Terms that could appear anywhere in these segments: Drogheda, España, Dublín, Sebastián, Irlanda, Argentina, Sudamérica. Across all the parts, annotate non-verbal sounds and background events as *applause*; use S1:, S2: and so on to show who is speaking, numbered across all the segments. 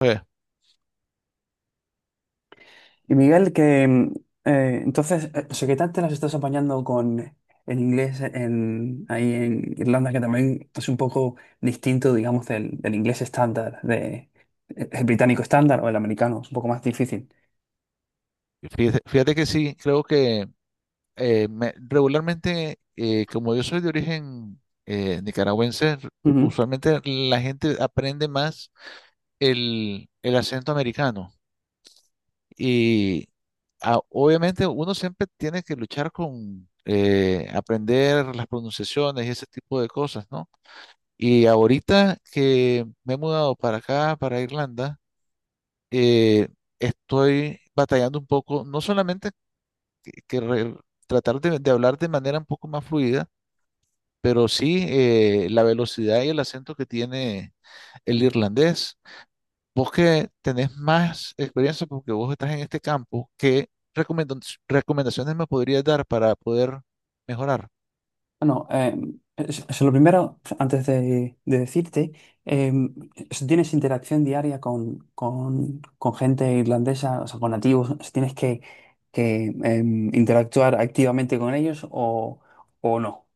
S1: Eh,
S2: Y Miguel, que entonces, o sea, ¿qué tal te las estás apañando con el inglés en, ahí en Irlanda, que también es un poco distinto, digamos, del inglés estándar, de, el británico estándar o el americano, es un poco más difícil.
S1: Fíjate, fíjate que sí, creo que regularmente, como yo soy de origen nicaragüense,
S2: Ujú.
S1: usualmente la gente aprende más el acento americano. Y obviamente uno siempre tiene que luchar con aprender las pronunciaciones y ese tipo de cosas, ¿no? Y ahorita que me he mudado para acá, para Irlanda, eh, estoy batallando un poco, no solamente que re- tratar de hablar de manera un poco más fluida, pero sí la velocidad y el acento que tiene el irlandés. Vos que tenés más experiencia porque vos estás en este campo, ¿ recomendaciones me podrías dar para poder mejorar?
S2: Bueno, es lo primero, antes de decirte, eh, si tienes interacción diaria con gente irlandesa, o sea, con nativos, si tienes que interactuar activamente con ellos o no.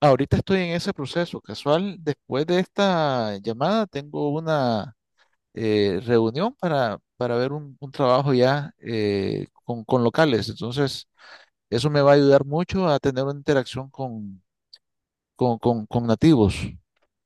S1: Ahorita estoy en ese proceso casual. Después de esta llamada tengo una reunión para ver un trabajo ya con locales. Entonces... Eso me va a ayudar mucho a tener una interacción con nativos.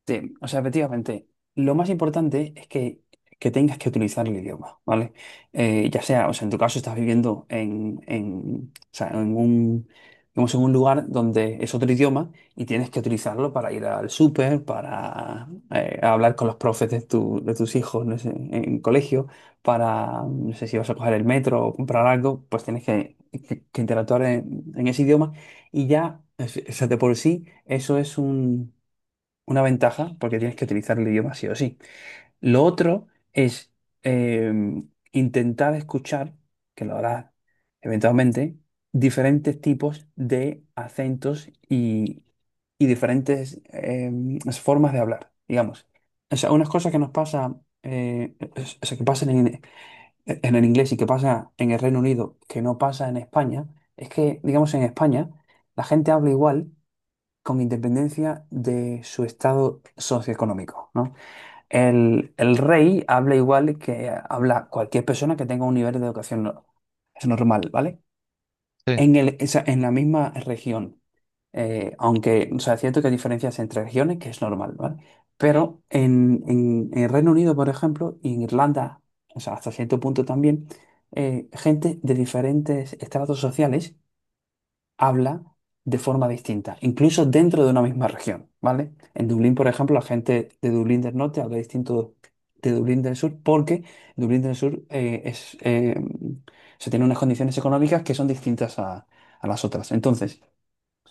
S2: Sí, o sea, efectivamente, lo más importante es que tengas que utilizar el idioma, ¿vale? Ya sea, o sea, en tu caso estás viviendo o sea, en un, digamos, en un lugar donde es otro idioma y tienes que utilizarlo para ir al súper, para hablar con los profes de, de tus hijos, no sé, en, colegio, para, no sé, si vas a coger el metro o comprar algo, pues tienes que interactuar en ese idioma y ya, o sea, de por sí, eso es un una ventaja porque tienes que utilizar el idioma sí o sí. Lo otro es eh, intentar escuchar, que lo harás eventualmente, diferentes tipos de acentos y diferentes formas de hablar, digamos. O sea, unas cosas que nos pasa, eh, o sea, que pasan en el inglés y que pasa en el Reino Unido, que no pasa en España, es que, digamos, en España la gente habla igual con independencia de su estado socioeconómico, ¿no? El rey habla igual que habla cualquier persona que tenga un nivel de educación es normal, ¿vale?
S1: Sí,
S2: En la misma región, aunque, o sea, es cierto que hay diferencias entre regiones, que es normal, ¿vale? Pero en Reino Unido, por ejemplo, y en Irlanda, o sea, hasta cierto punto también, gente de diferentes estratos sociales habla de forma distinta, incluso dentro de una misma región, ¿vale? En Dublín, por ejemplo, la gente de Dublín del norte habla distinto de Dublín del sur porque Dublín del sur se tiene unas condiciones económicas que son distintas a las otras. Entonces,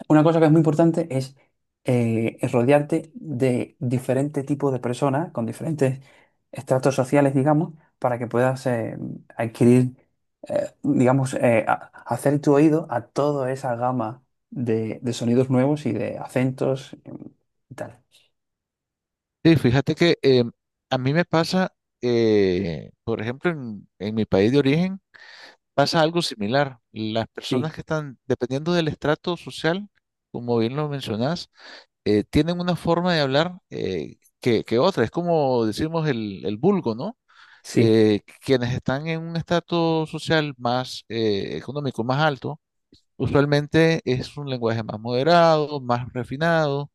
S2: una cosa que es muy importante es rodearte de diferentes tipos de personas con diferentes estratos sociales, digamos, para que puedas adquirir, digamos, hacer tu oído a toda esa gama de sonidos nuevos y de acentos y tal.
S1: sí, fíjate que a mí me pasa, por ejemplo, en mi país de origen, pasa algo similar. Las personas
S2: Sí,
S1: que están, dependiendo del estrato social, como bien lo mencionás, tienen una forma de hablar que otra. Es como decimos el vulgo, ¿no?
S2: sí.
S1: Quienes están en un estrato social más económico, más alto, usualmente es un lenguaje más moderado, más refinado,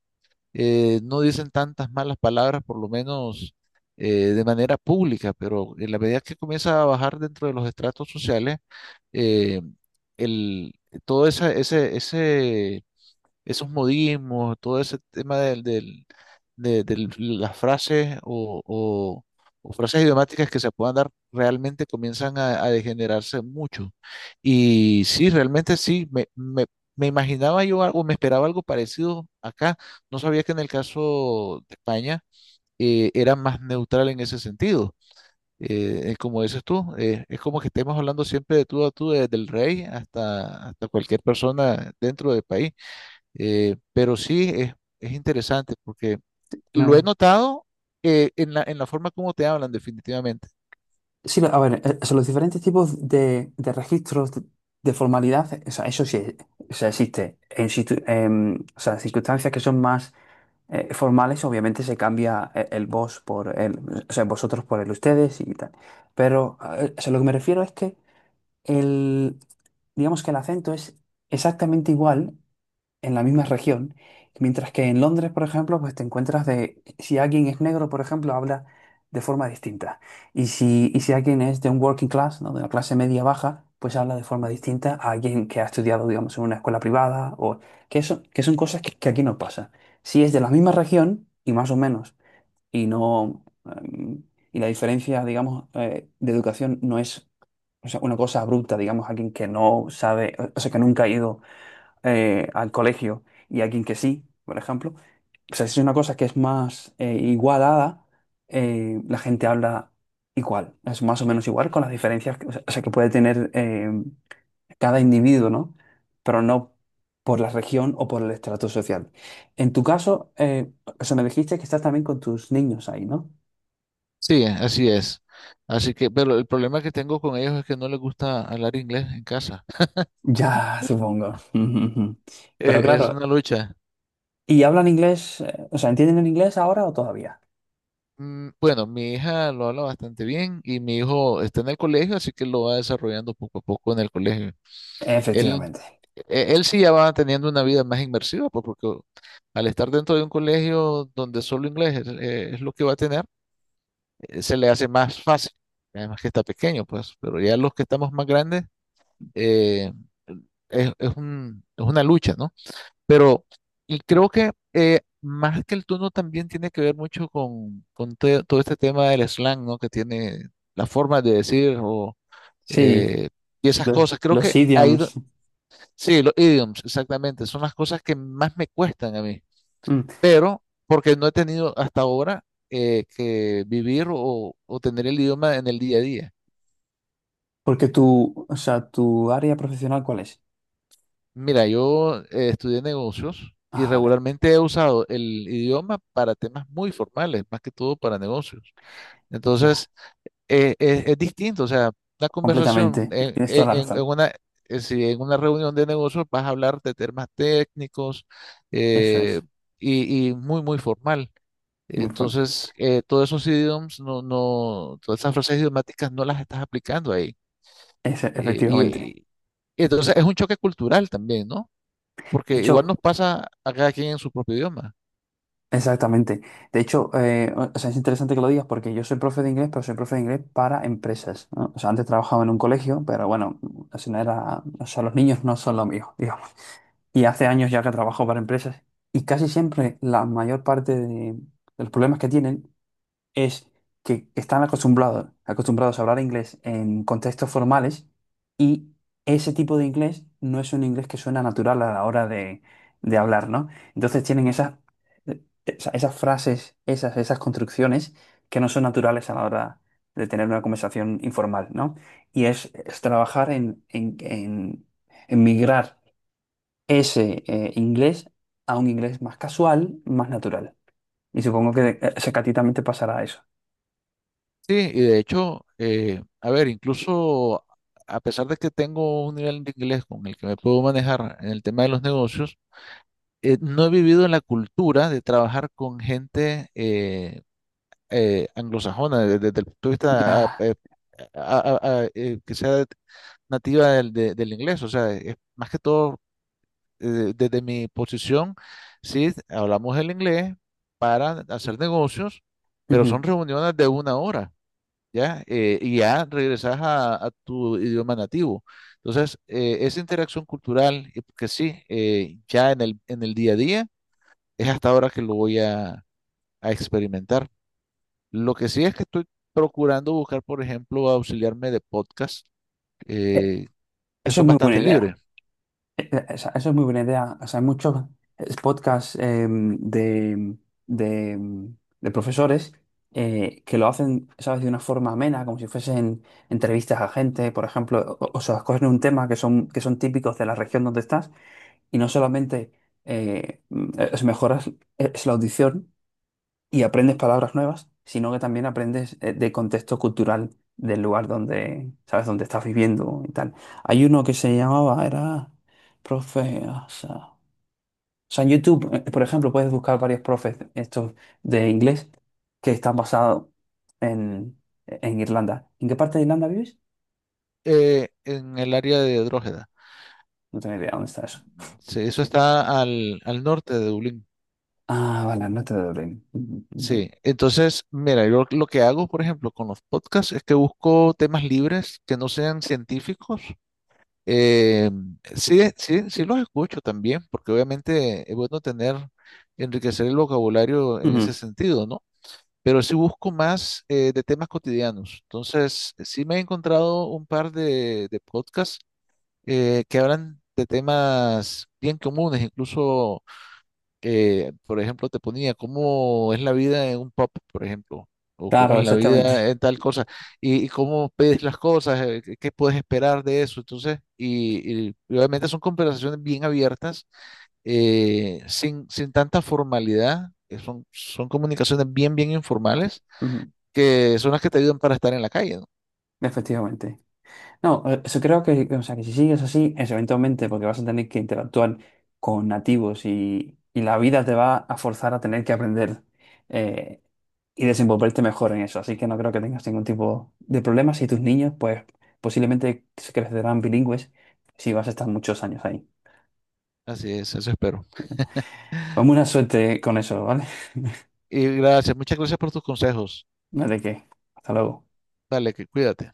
S1: no dicen tantas malas palabras, por lo menos de manera pública, pero en la medida que comienza a bajar dentro de los estratos sociales, eh, el, todo esa- ese, esos modismos, todo ese tema de las frases o o frases idiomáticas que se puedan dar, realmente comienzan a degenerarse mucho. Y sí, realmente sí, me imaginaba yo algo, me esperaba algo parecido acá. No sabía que en el caso de España era más neutral en ese sentido. Como dices tú, es como que estemos hablando siempre de tú a tú, desde el rey hasta cualquier persona dentro del país. Pero sí es interesante porque lo
S2: Me-
S1: he notado en en la forma como te hablan, definitivamente.
S2: Sí, a ver, son los diferentes tipos de registros de formalidad, o sea, eso sí, o sea, existe en, o sea, circunstancias que son más formales, obviamente se cambia el, vos por el, o sea, vosotros por el ustedes y tal. Pero o sea, lo que me refiero es que el, digamos que el acento es exactamente igual en la misma región. Mientras que en Londres, por ejemplo, pues te encuentras si alguien es negro, por ejemplo, habla de forma distinta. Y si alguien es de un working class, ¿no? De una clase media baja, pues habla de forma distinta a alguien que ha estudiado, digamos, en una escuela privada, o que eso, que son cosas que aquí no pasa. Si es de la misma región, y más o menos, y no, em, y la diferencia, digamos, de educación no es, o sea, una cosa abrupta, digamos, alguien que no sabe, o sea, que nunca ha ido al colegio y a quien que sí, por ejemplo. O sea, si es una cosa que es más igualada, la gente habla igual, es más o menos igual con las diferencias que, o sea, que puede tener cada individuo, ¿no? Pero no por la región o por el estrato social. En tu caso, o sea, me dijiste que estás también con tus niños ahí, ¿no?
S1: Sí, así es. Así que, pero el problema que tengo con ellos es que no les gusta hablar inglés en casa.
S2: Ya, supongo. *laughs* Pero claro,
S1: Es una lucha.
S2: ¿y hablan inglés? O sea, ¿entienden el inglés ahora o todavía?
S1: Mm, bueno, mi hija lo habla bastante bien y mi hijo está en el colegio, así que lo va desarrollando poco a poco en el colegio. Él,
S2: Efectivamente.
S1: él sí ya va teniendo una vida más inmersiva, pues, porque al estar dentro de un colegio donde solo inglés es lo que va a tener, se le hace más fácil, además que está pequeño, pues, pero ya los que estamos más grandes, eh, es es una lucha, ¿no? Pero y creo que más que el tono también tiene que ver mucho con, todo este tema del slang, ¿no? Que tiene la forma de decir o,
S2: Sí,
S1: eh, y esas cosas. Creo
S2: los
S1: que ahí,
S2: idioms.
S1: sí, los idioms, exactamente, son las cosas que más me cuestan a mí
S2: Mm,
S1: pero porque no he tenido hasta ahora que vivir o tener el idioma en el día a día.
S2: Porque o sea, tu área profesional, ¿cuál es?
S1: Mira, yo estudié negocios y
S2: Ah, vale,
S1: regularmente he usado el idioma para temas muy formales, más que todo para negocios.
S2: ya,
S1: Entonces, es distinto, o sea, una conversación
S2: completamente. Tienes toda la
S1: en
S2: razón.
S1: una... si en una reunión de negocios vas a hablar de temas técnicos
S2: Eso
S1: eh,
S2: es,
S1: y muy, muy formal.
S2: muy bueno.
S1: Entonces, todos esos idioms, no, no, todas esas frases idiomáticas no las estás aplicando ahí.
S2: Ese,
S1: Eh, y,
S2: efectivamente.
S1: y entonces es un choque cultural también, ¿no? Porque
S2: De
S1: igual
S2: hecho,
S1: nos pasa a cada quien en su propio idioma.
S2: exactamente. De hecho, o sea, es interesante que lo digas porque yo soy profe de inglés, pero soy profe de inglés para empresas, ¿no? O sea, antes trabajaba en un colegio, pero bueno, así no era, o sea, los niños no son lo mío, digamos. Y hace años ya que trabajo para empresas y casi siempre la mayor parte de los problemas que tienen es que están acostumbrados, acostumbrados a hablar inglés en contextos formales y ese tipo de inglés no es un inglés que suena natural a la hora de hablar, ¿no? Entonces tienen esas frases, esas construcciones que no son naturales a la hora de tener una conversación informal, ¿no? Y es trabajar en migrar ese inglés a un inglés más casual, más natural. Y supongo que, o sea, que a ti también te pasará eso.
S1: Sí, y de hecho, a ver, incluso a pesar de que tengo un nivel de inglés con el que me puedo manejar en el tema de los negocios, no he vivido la cultura de trabajar con gente anglosajona desde, desde el punto de vista
S2: Ya.
S1: que sea nativa del inglés, o sea, es más que todo desde mi posición, sí, hablamos el inglés para hacer negocios, pero son
S2: Ujú.
S1: reuniones de una hora, ¿ya? Y ya regresas a tu idioma nativo. Entonces, esa interacción cultural, que sí, ya en el día a día, es hasta ahora que lo voy a experimentar. Lo que sí es que estoy procurando buscar, por ejemplo, auxiliarme de podcasts
S2: Eh,
S1: eh, que
S2: Eso
S1: son
S2: es muy buena
S1: bastante
S2: idea.
S1: libres.
S2: Eso es muy buena idea. O sea, hay muchos podcasts de, de profesores que lo hacen, ¿sabes?, de una forma amena, como si fuesen entrevistas a gente, por ejemplo, o sea, escogen un tema que son, típicos de la región donde estás y no solamente es mejoras *laughs* es la audición, y aprendes palabras nuevas, sino que también aprendes de contexto cultural del lugar donde, sabes, donde estás viviendo y tal. Hay uno que se llamaba, era profe, o sea, en YouTube, por ejemplo, puedes buscar varios profes estos de inglés que están basados en, en Irlanda. ¿En qué parte de Irlanda vives?
S1: Eh, en el área de Drogheda.
S2: No tengo idea dónde está eso.
S1: Sí, eso está al norte de Dublín.
S2: Ah, vale, no te doy.
S1: Sí, entonces, mira, yo lo que hago, por ejemplo, con los podcasts es que busco temas libres que no sean científicos. Eh, sí, sí, sí los escucho también, porque obviamente es bueno tener, enriquecer el vocabulario en ese
S2: Ujú.
S1: sentido, ¿no? Pero sí busco más de temas cotidianos. Entonces, sí me he encontrado un par de podcasts que hablan de temas bien comunes, incluso, por ejemplo, te ponía cómo es la vida en un pop, por ejemplo, o cómo
S2: Claro,
S1: es la
S2: exactamente.
S1: vida en tal cosa, y cómo pides las cosas, qué qué puedes esperar de eso. Entonces, y obviamente son conversaciones bien abiertas, sin tanta formalidad, que son comunicaciones bien, bien
S2: Vale.
S1: informales,
S2: Ujú.
S1: que son las que te ayudan para estar en la calle, ¿no?
S2: Efectivamente. No, eso creo que, o sea, que si sigues así, es eventualmente porque vas a tener que interactuar con nativos y la vida te va a forzar a tener que aprender eh, y desenvolverte mejor en eso. Así que no creo que tengas ningún tipo de problemas y tus niños, pues posiblemente se crecerán bilingües si vas a estar muchos años ahí.
S1: Así es, eso espero.
S2: Pues buena suerte con eso, ¿vale? *laughs*
S1: Y gracias, muchas gracias por tus consejos.
S2: No hay de qué. Hasta luego.
S1: Dale, que cuídate.